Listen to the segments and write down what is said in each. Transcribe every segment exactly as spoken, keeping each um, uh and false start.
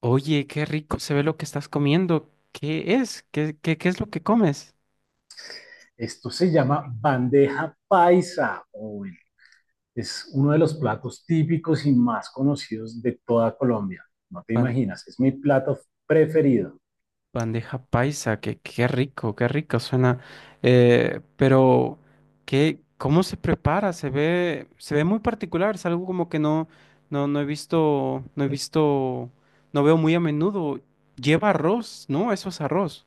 Oye, qué rico se ve lo que estás comiendo. ¿Qué es? ¿Qué, qué, qué es lo que comes? Esto se llama bandeja paisa o es uno de los platos típicos y más conocidos de toda Colombia. No te Ban- imaginas, es mi plato preferido. Bandeja paisa, que qué rico, qué rico suena. Eh, pero, ¿qué, cómo se prepara? Se ve, se ve muy particular, es algo como que no, no, no he visto, no he visto, no veo muy a menudo. Lleva arroz, ¿no? Eso es arroz.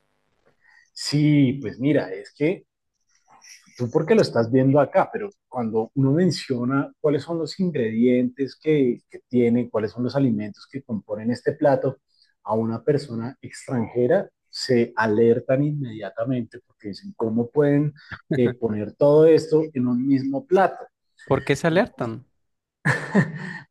Sí, pues mira, es que tú porque lo estás viendo acá, pero cuando uno menciona cuáles son los ingredientes que, que tiene, cuáles son los alimentos que componen este plato, a una persona extranjera se alertan inmediatamente porque dicen, ¿cómo pueden eh, poner todo esto en un mismo plato? ¿Por qué se Entonces, alertan?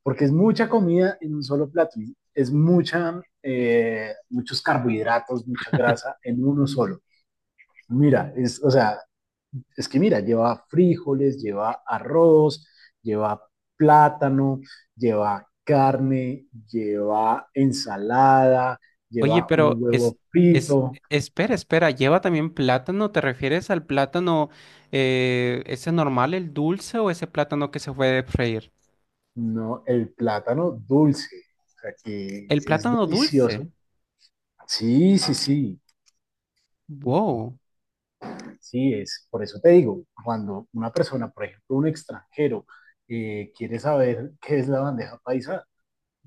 porque es mucha comida en un solo plato, ¿no? Es mucha, eh, muchos carbohidratos, mucha grasa en uno solo. Mira, es, o sea, es que mira, lleva frijoles, lleva arroz, lleva plátano, lleva carne, lleva ensalada, Oye, lleva un pero es, huevo es, frito, espera, espera, ¿lleva también plátano? ¿Te refieres al plátano eh, ese normal, el dulce, o ese plátano que se puede freír? no, el plátano dulce, o sea que El es plátano delicioso. dulce. Sí, sí, sí. Wow. Sí, es, por eso te digo, cuando una persona, por ejemplo, un extranjero, eh, quiere saber qué es la bandeja paisa,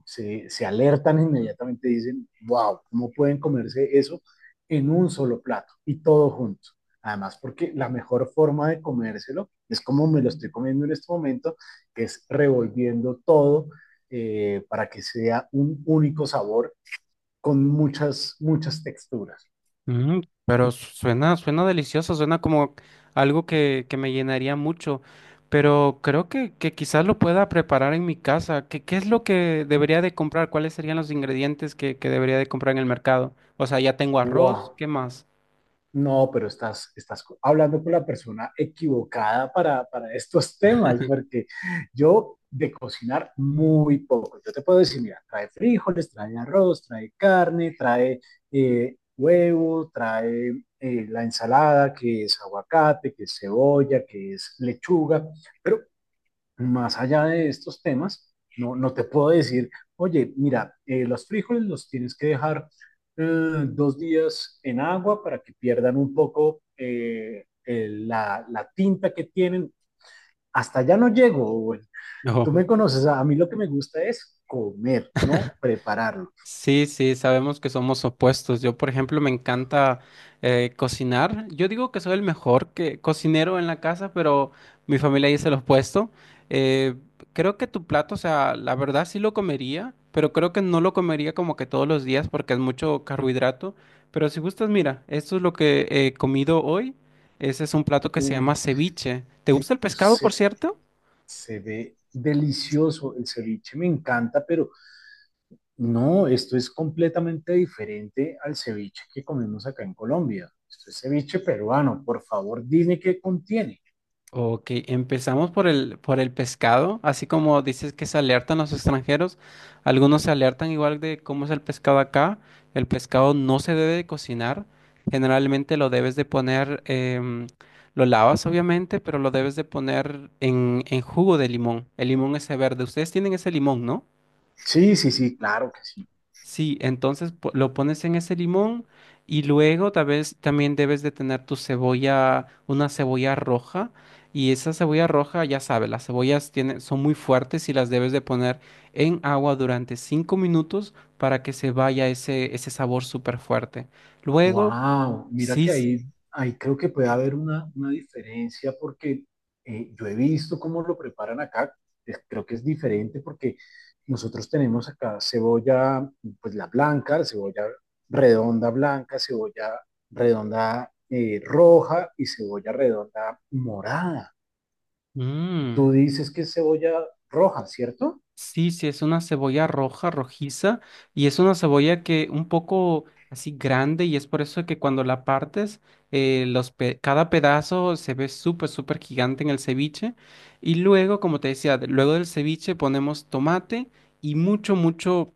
se, se alertan inmediatamente, dicen, wow, ¿cómo pueden comerse eso en un solo plato y todo junto? Además, porque la mejor forma de comérselo es como me lo estoy comiendo en este momento, que es revolviendo todo eh, para que sea un único sabor con muchas, muchas texturas. Mm, pero suena, suena delicioso, suena como algo que, que me llenaría mucho. Pero creo que, que quizás lo pueda preparar en mi casa. ¿Qué, qué es lo que debería de comprar? ¿Cuáles serían los ingredientes que, que debería de comprar en el mercado? O sea, ya tengo arroz, Wow. ¿qué más? No, pero estás, estás co- hablando con la persona equivocada para, para estos temas, porque yo de cocinar muy poco. Yo te puedo decir, mira, trae frijoles, trae arroz, trae carne, trae eh, huevo, trae eh, la ensalada, que es aguacate, que es cebolla, que es lechuga, pero más allá de estos temas, no, no te puedo decir, oye, mira, eh, los frijoles los tienes que dejar eh, dos días en agua para que pierdan un poco eh, el- la, la tinta que tienen. Hasta allá no llego, Owen. Tú No. me conoces, a a mí lo que me gusta es comer, no prepararlo. Sí, sí, sabemos que somos opuestos. Yo, por ejemplo, me encanta eh, cocinar. Yo digo que soy el mejor que, cocinero en la casa, pero mi familia dice lo opuesto. Eh, creo que tu plato, o sea, la verdad sí lo comería, pero creo que no lo comería como que todos los días porque es mucho carbohidrato. Pero si gustas, mira, esto es lo que he comido hoy. Ese es un plato que se Uy, llama ceviche. ¿Te gusta el pescado, por se, cierto? se ve delicioso, el ceviche me encanta, pero no, esto es completamente diferente al ceviche que comemos acá en Colombia. Esto es ceviche peruano. Por favor, dime qué contiene. Ok, empezamos por el, por el pescado, así como dices que se alertan los extranjeros, algunos se alertan igual de cómo es el pescado acá, el pescado no se debe de cocinar, generalmente lo debes de poner, em, lo lavas obviamente, pero lo debes de poner en, en jugo de limón, el limón ese verde, ustedes tienen ese limón, ¿no? Sí, sí, sí, claro que sí. Sí, entonces po- lo pones en ese limón y luego tal vez también debes de tener tu cebolla, una cebolla roja, y esa cebolla roja, ya sabes, las cebollas tienen, son muy fuertes y las debes de poner en agua durante cinco minutos para que se vaya ese, ese sabor súper fuerte. Luego, Wow, mira sí, que s- ahí, ahí creo que puede haber una, una diferencia porque eh, yo he visto cómo lo preparan acá. Es- creo que es diferente porque nosotros tenemos acá cebolla, pues la blanca, cebolla redonda blanca, cebolla redonda eh, roja y cebolla redonda morada. Y tú mm. dices que es cebolla roja, ¿cierto? Sí, sí, es una cebolla roja, rojiza, y es una cebolla que un poco así grande, y es por eso que cuando la partes, eh, los pe- cada pedazo se ve súper, súper gigante en el ceviche. Y luego, como te decía, de- luego del ceviche ponemos tomate y mucho, mucho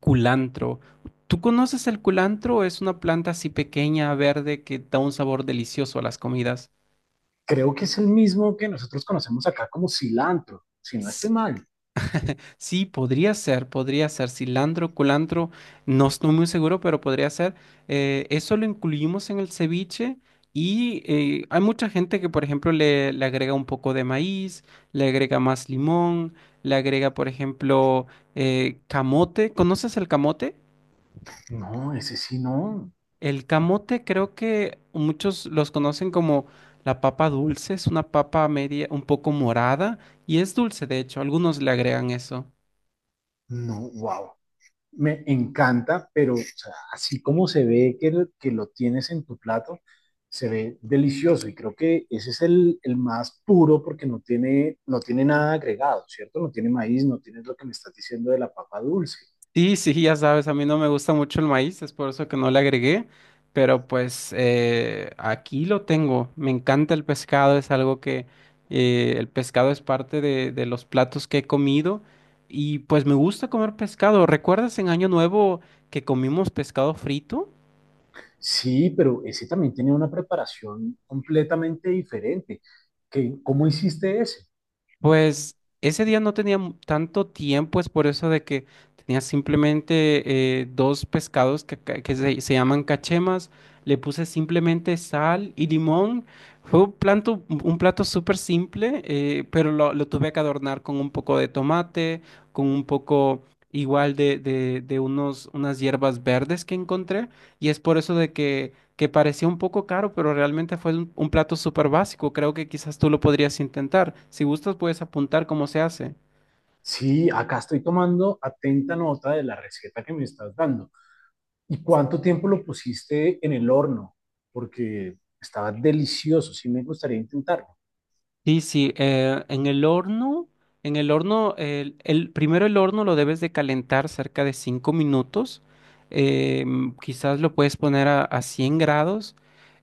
culantro. ¿Tú conoces el culantro? Es una planta así pequeña, verde, que da un sabor delicioso a las comidas. Creo que es el mismo que nosotros conocemos acá como cilantro, si no estoy mal. Sí, podría ser, podría ser cilantro, culantro, no estoy muy seguro, pero podría ser. Eh, eso lo incluimos en el ceviche y eh, hay mucha gente que, por ejemplo, le, le agrega un poco de maíz, le agrega más limón, le agrega, por ejemplo, eh, camote. ¿Conoces el camote? No, ese sí no. El camote creo que muchos los conocen como la papa dulce, es una papa media, un poco morada y es dulce, de hecho, algunos le agregan eso. No, wow. Me encanta, pero o sea, así como se ve que, lo- que lo tienes en tu plato, se ve delicioso y creo que ese es el, el más puro porque no tiene, no tiene nada agregado, ¿cierto? No tiene maíz, no tiene lo que me estás diciendo de la papa dulce. Sí, sí, ya sabes, a mí no me gusta mucho el maíz, es por eso que no le agregué, pero pues eh, aquí lo tengo, me encanta el pescado, es algo que eh, el pescado es parte de, de los platos que he comido y pues me gusta comer pescado. ¿Recuerdas en Año Nuevo que comimos pescado frito? Sí, pero ese también tenía una preparación completamente diferente. ¿Qué, cómo hiciste ese? Pues ese día no tenía mu- tanto tiempo, es por eso de que tenía simplemente eh, dos pescados que, ca- que se, se llaman cachemas. Le puse simplemente sal y limón. Fue un plato, un plato súper simple, eh, pero lo, lo tuve que adornar con un poco de tomate, con un poco igual de, de, de unos, unas hierbas verdes que encontré. Y es por eso de que que parecía un poco caro, pero realmente fue un, un plato súper básico. Creo que quizás tú lo podrías intentar. Si gustas, puedes apuntar cómo se hace. Sí, acá estoy tomando atenta nota de la receta que me estás dando. ¿Y cuánto tiempo lo pusiste en el horno? Porque estaba delicioso, sí me gustaría intentarlo. Sí, sí, eh, en el horno, en el horno, el, el- primero el horno lo debes de calentar cerca de cinco minutos, eh, mm, quizás lo puedes poner a, a cien grados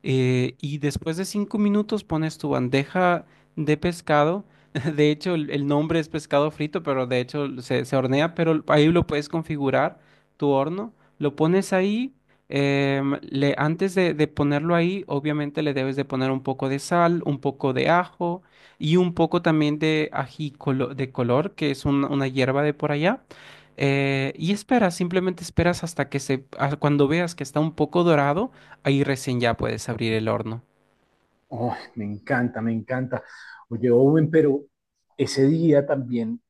eh, y después de cinco minutos pones tu bandeja de pescado, de hecho el, el nombre es pescado frito, pero de hecho se, se hornea, pero ahí lo puedes configurar tu horno, lo pones ahí, em, le, antes de, de ponerlo ahí, obviamente le debes de poner un poco de sal, un poco de ajo, y un poco también de ají colo- de color, que es un- una hierba de por allá. Eh, y esperas, simplemente esperas hasta que se, a- cuando veas que está un poco dorado, ahí recién ya puedes abrir el horno. Oh, me encanta, me encanta. Oye, Owen, pero ese día también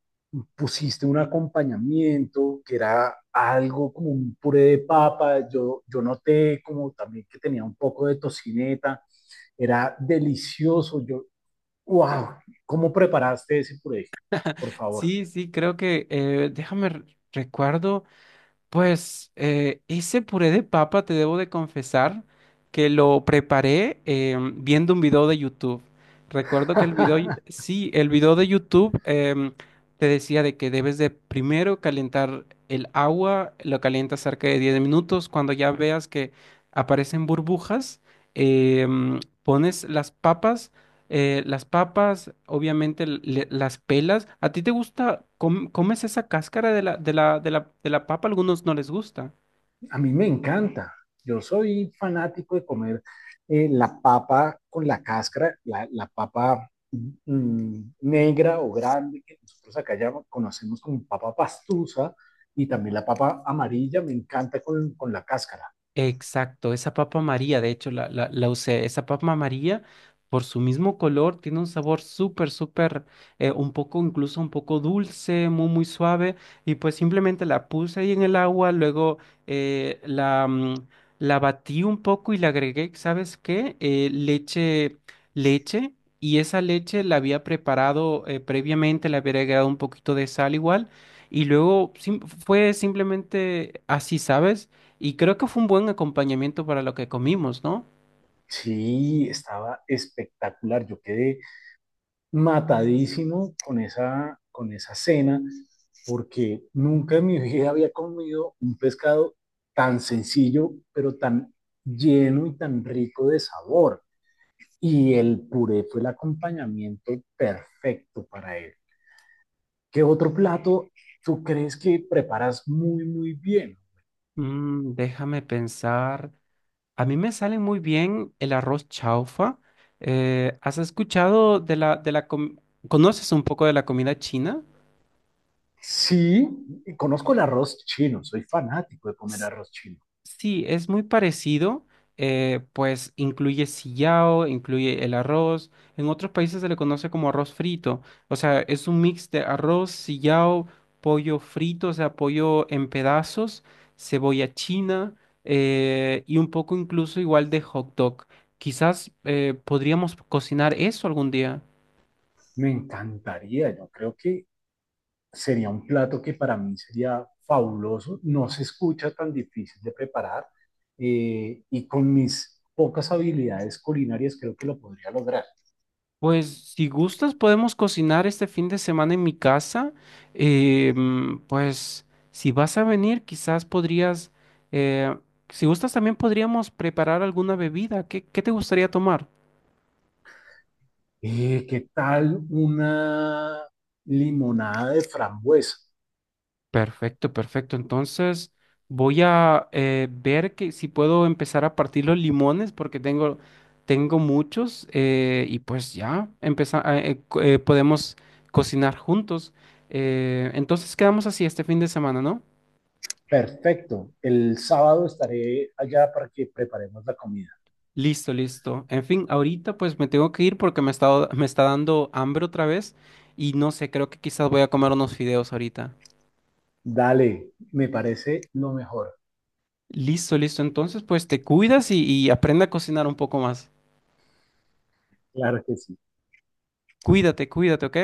pusiste un acompañamiento que era algo como un puré de papa. Yo, yo noté como también que tenía un poco de tocineta. Era delicioso. Yo, wow, ¿cómo preparaste ese puré? Por favor. Sí, sí, creo que, eh, déjame re- recuerdo. Pues eh, ese puré de papa, te debo de confesar que lo preparé em, viendo un video de YouTube. Recuerdo que el video, sí, el video de YouTube em, te decía de que debes de primero calentar el agua, lo calientas cerca de diez minutos. Cuando ya veas que aparecen burbujas, em, pones las papas eh, las papas, obviamente le- las pelas. ¿A ti te gusta, com- comes esa cáscara de la, de la, de la, de la papa? Algunos no les gusta. A mí me encanta. Yo soy fanático de comer eh, la papa con la cáscara, la, la papa mm, negra o grande, que nosotros acá ya conocemos como papa pastusa, y también la papa amarilla, me encanta con, con la cáscara. Exacto, esa papa María, de hecho la, la, la usé, esa papa María por su mismo color tiene un sabor súper, súper, eh, un poco, incluso un poco dulce, muy, muy suave, y pues simplemente la puse ahí en el agua, luego eh, la, mm, la batí un poco y le agregué, ¿sabes qué? Eh, leche, leche, y esa leche la había preparado eh, previamente, le había agregado un poquito de sal igual, y luego sim- fue simplemente así, ¿sabes? Y creo que fue un buen acompañamiento para lo que comimos, ¿no? Sí, estaba espectacular. Yo quedé matadísimo con esa, con esa cena, porque nunca en mi vida había comido un pescado tan sencillo, pero tan lleno y tan rico de sabor. Y el puré fue el acompañamiento perfecto para él. ¿Qué otro plato tú crees que preparas muy, muy bien? Mm, déjame pensar. A mí me sale muy bien el arroz chaufa. Eh, ¿has escuchado de la, de la com- ¿Conoces un poco de la comida china? Sí, conozco el arroz chino, soy fanático de comer arroz chino. Sí, es muy parecido, eh, pues incluye sillao, incluye el arroz. En otros países se le conoce como arroz frito. O sea, es un mix de arroz, sillao, pollo frito, o sea, pollo en pedazos, cebolla china eh, y un poco incluso igual de hot dog. Quizás eh, podríamos cocinar eso algún día. Me encantaría, yo creo que sería un plato que para mí sería fabuloso, no se escucha tan difícil de preparar eh, y con mis pocas habilidades culinarias creo que lo podría lograr. Pues si gustas podemos cocinar este fin de semana en mi casa. Eh, mm, pues si vas a venir, quizás podrías, eh, si gustas también podríamos preparar alguna bebida. ¿Qué, qué te gustaría tomar? Eh, ¿Qué tal una limonada de frambuesa? Perfecto, perfecto. Entonces voy a eh, ver que si puedo empezar a partir los limones porque tengo, tengo muchos eh, y pues ya empeza- a- eh, co- eh, podemos cocinar juntos. Eh, entonces quedamos así este fin de semana, ¿no? Perfecto, el sábado estaré allá para que preparemos la comida. Listo, listo. En fin, ahorita pues me tengo que ir porque me está, me está dando hambre otra vez y no sé, creo que quizás voy a comer unos fideos ahorita. Dale, me parece lo mejor. Listo, listo. Entonces pues te cuidas y, y aprende a cocinar un poco más. Claro que sí. Cuídate, cuídate, ¿ok?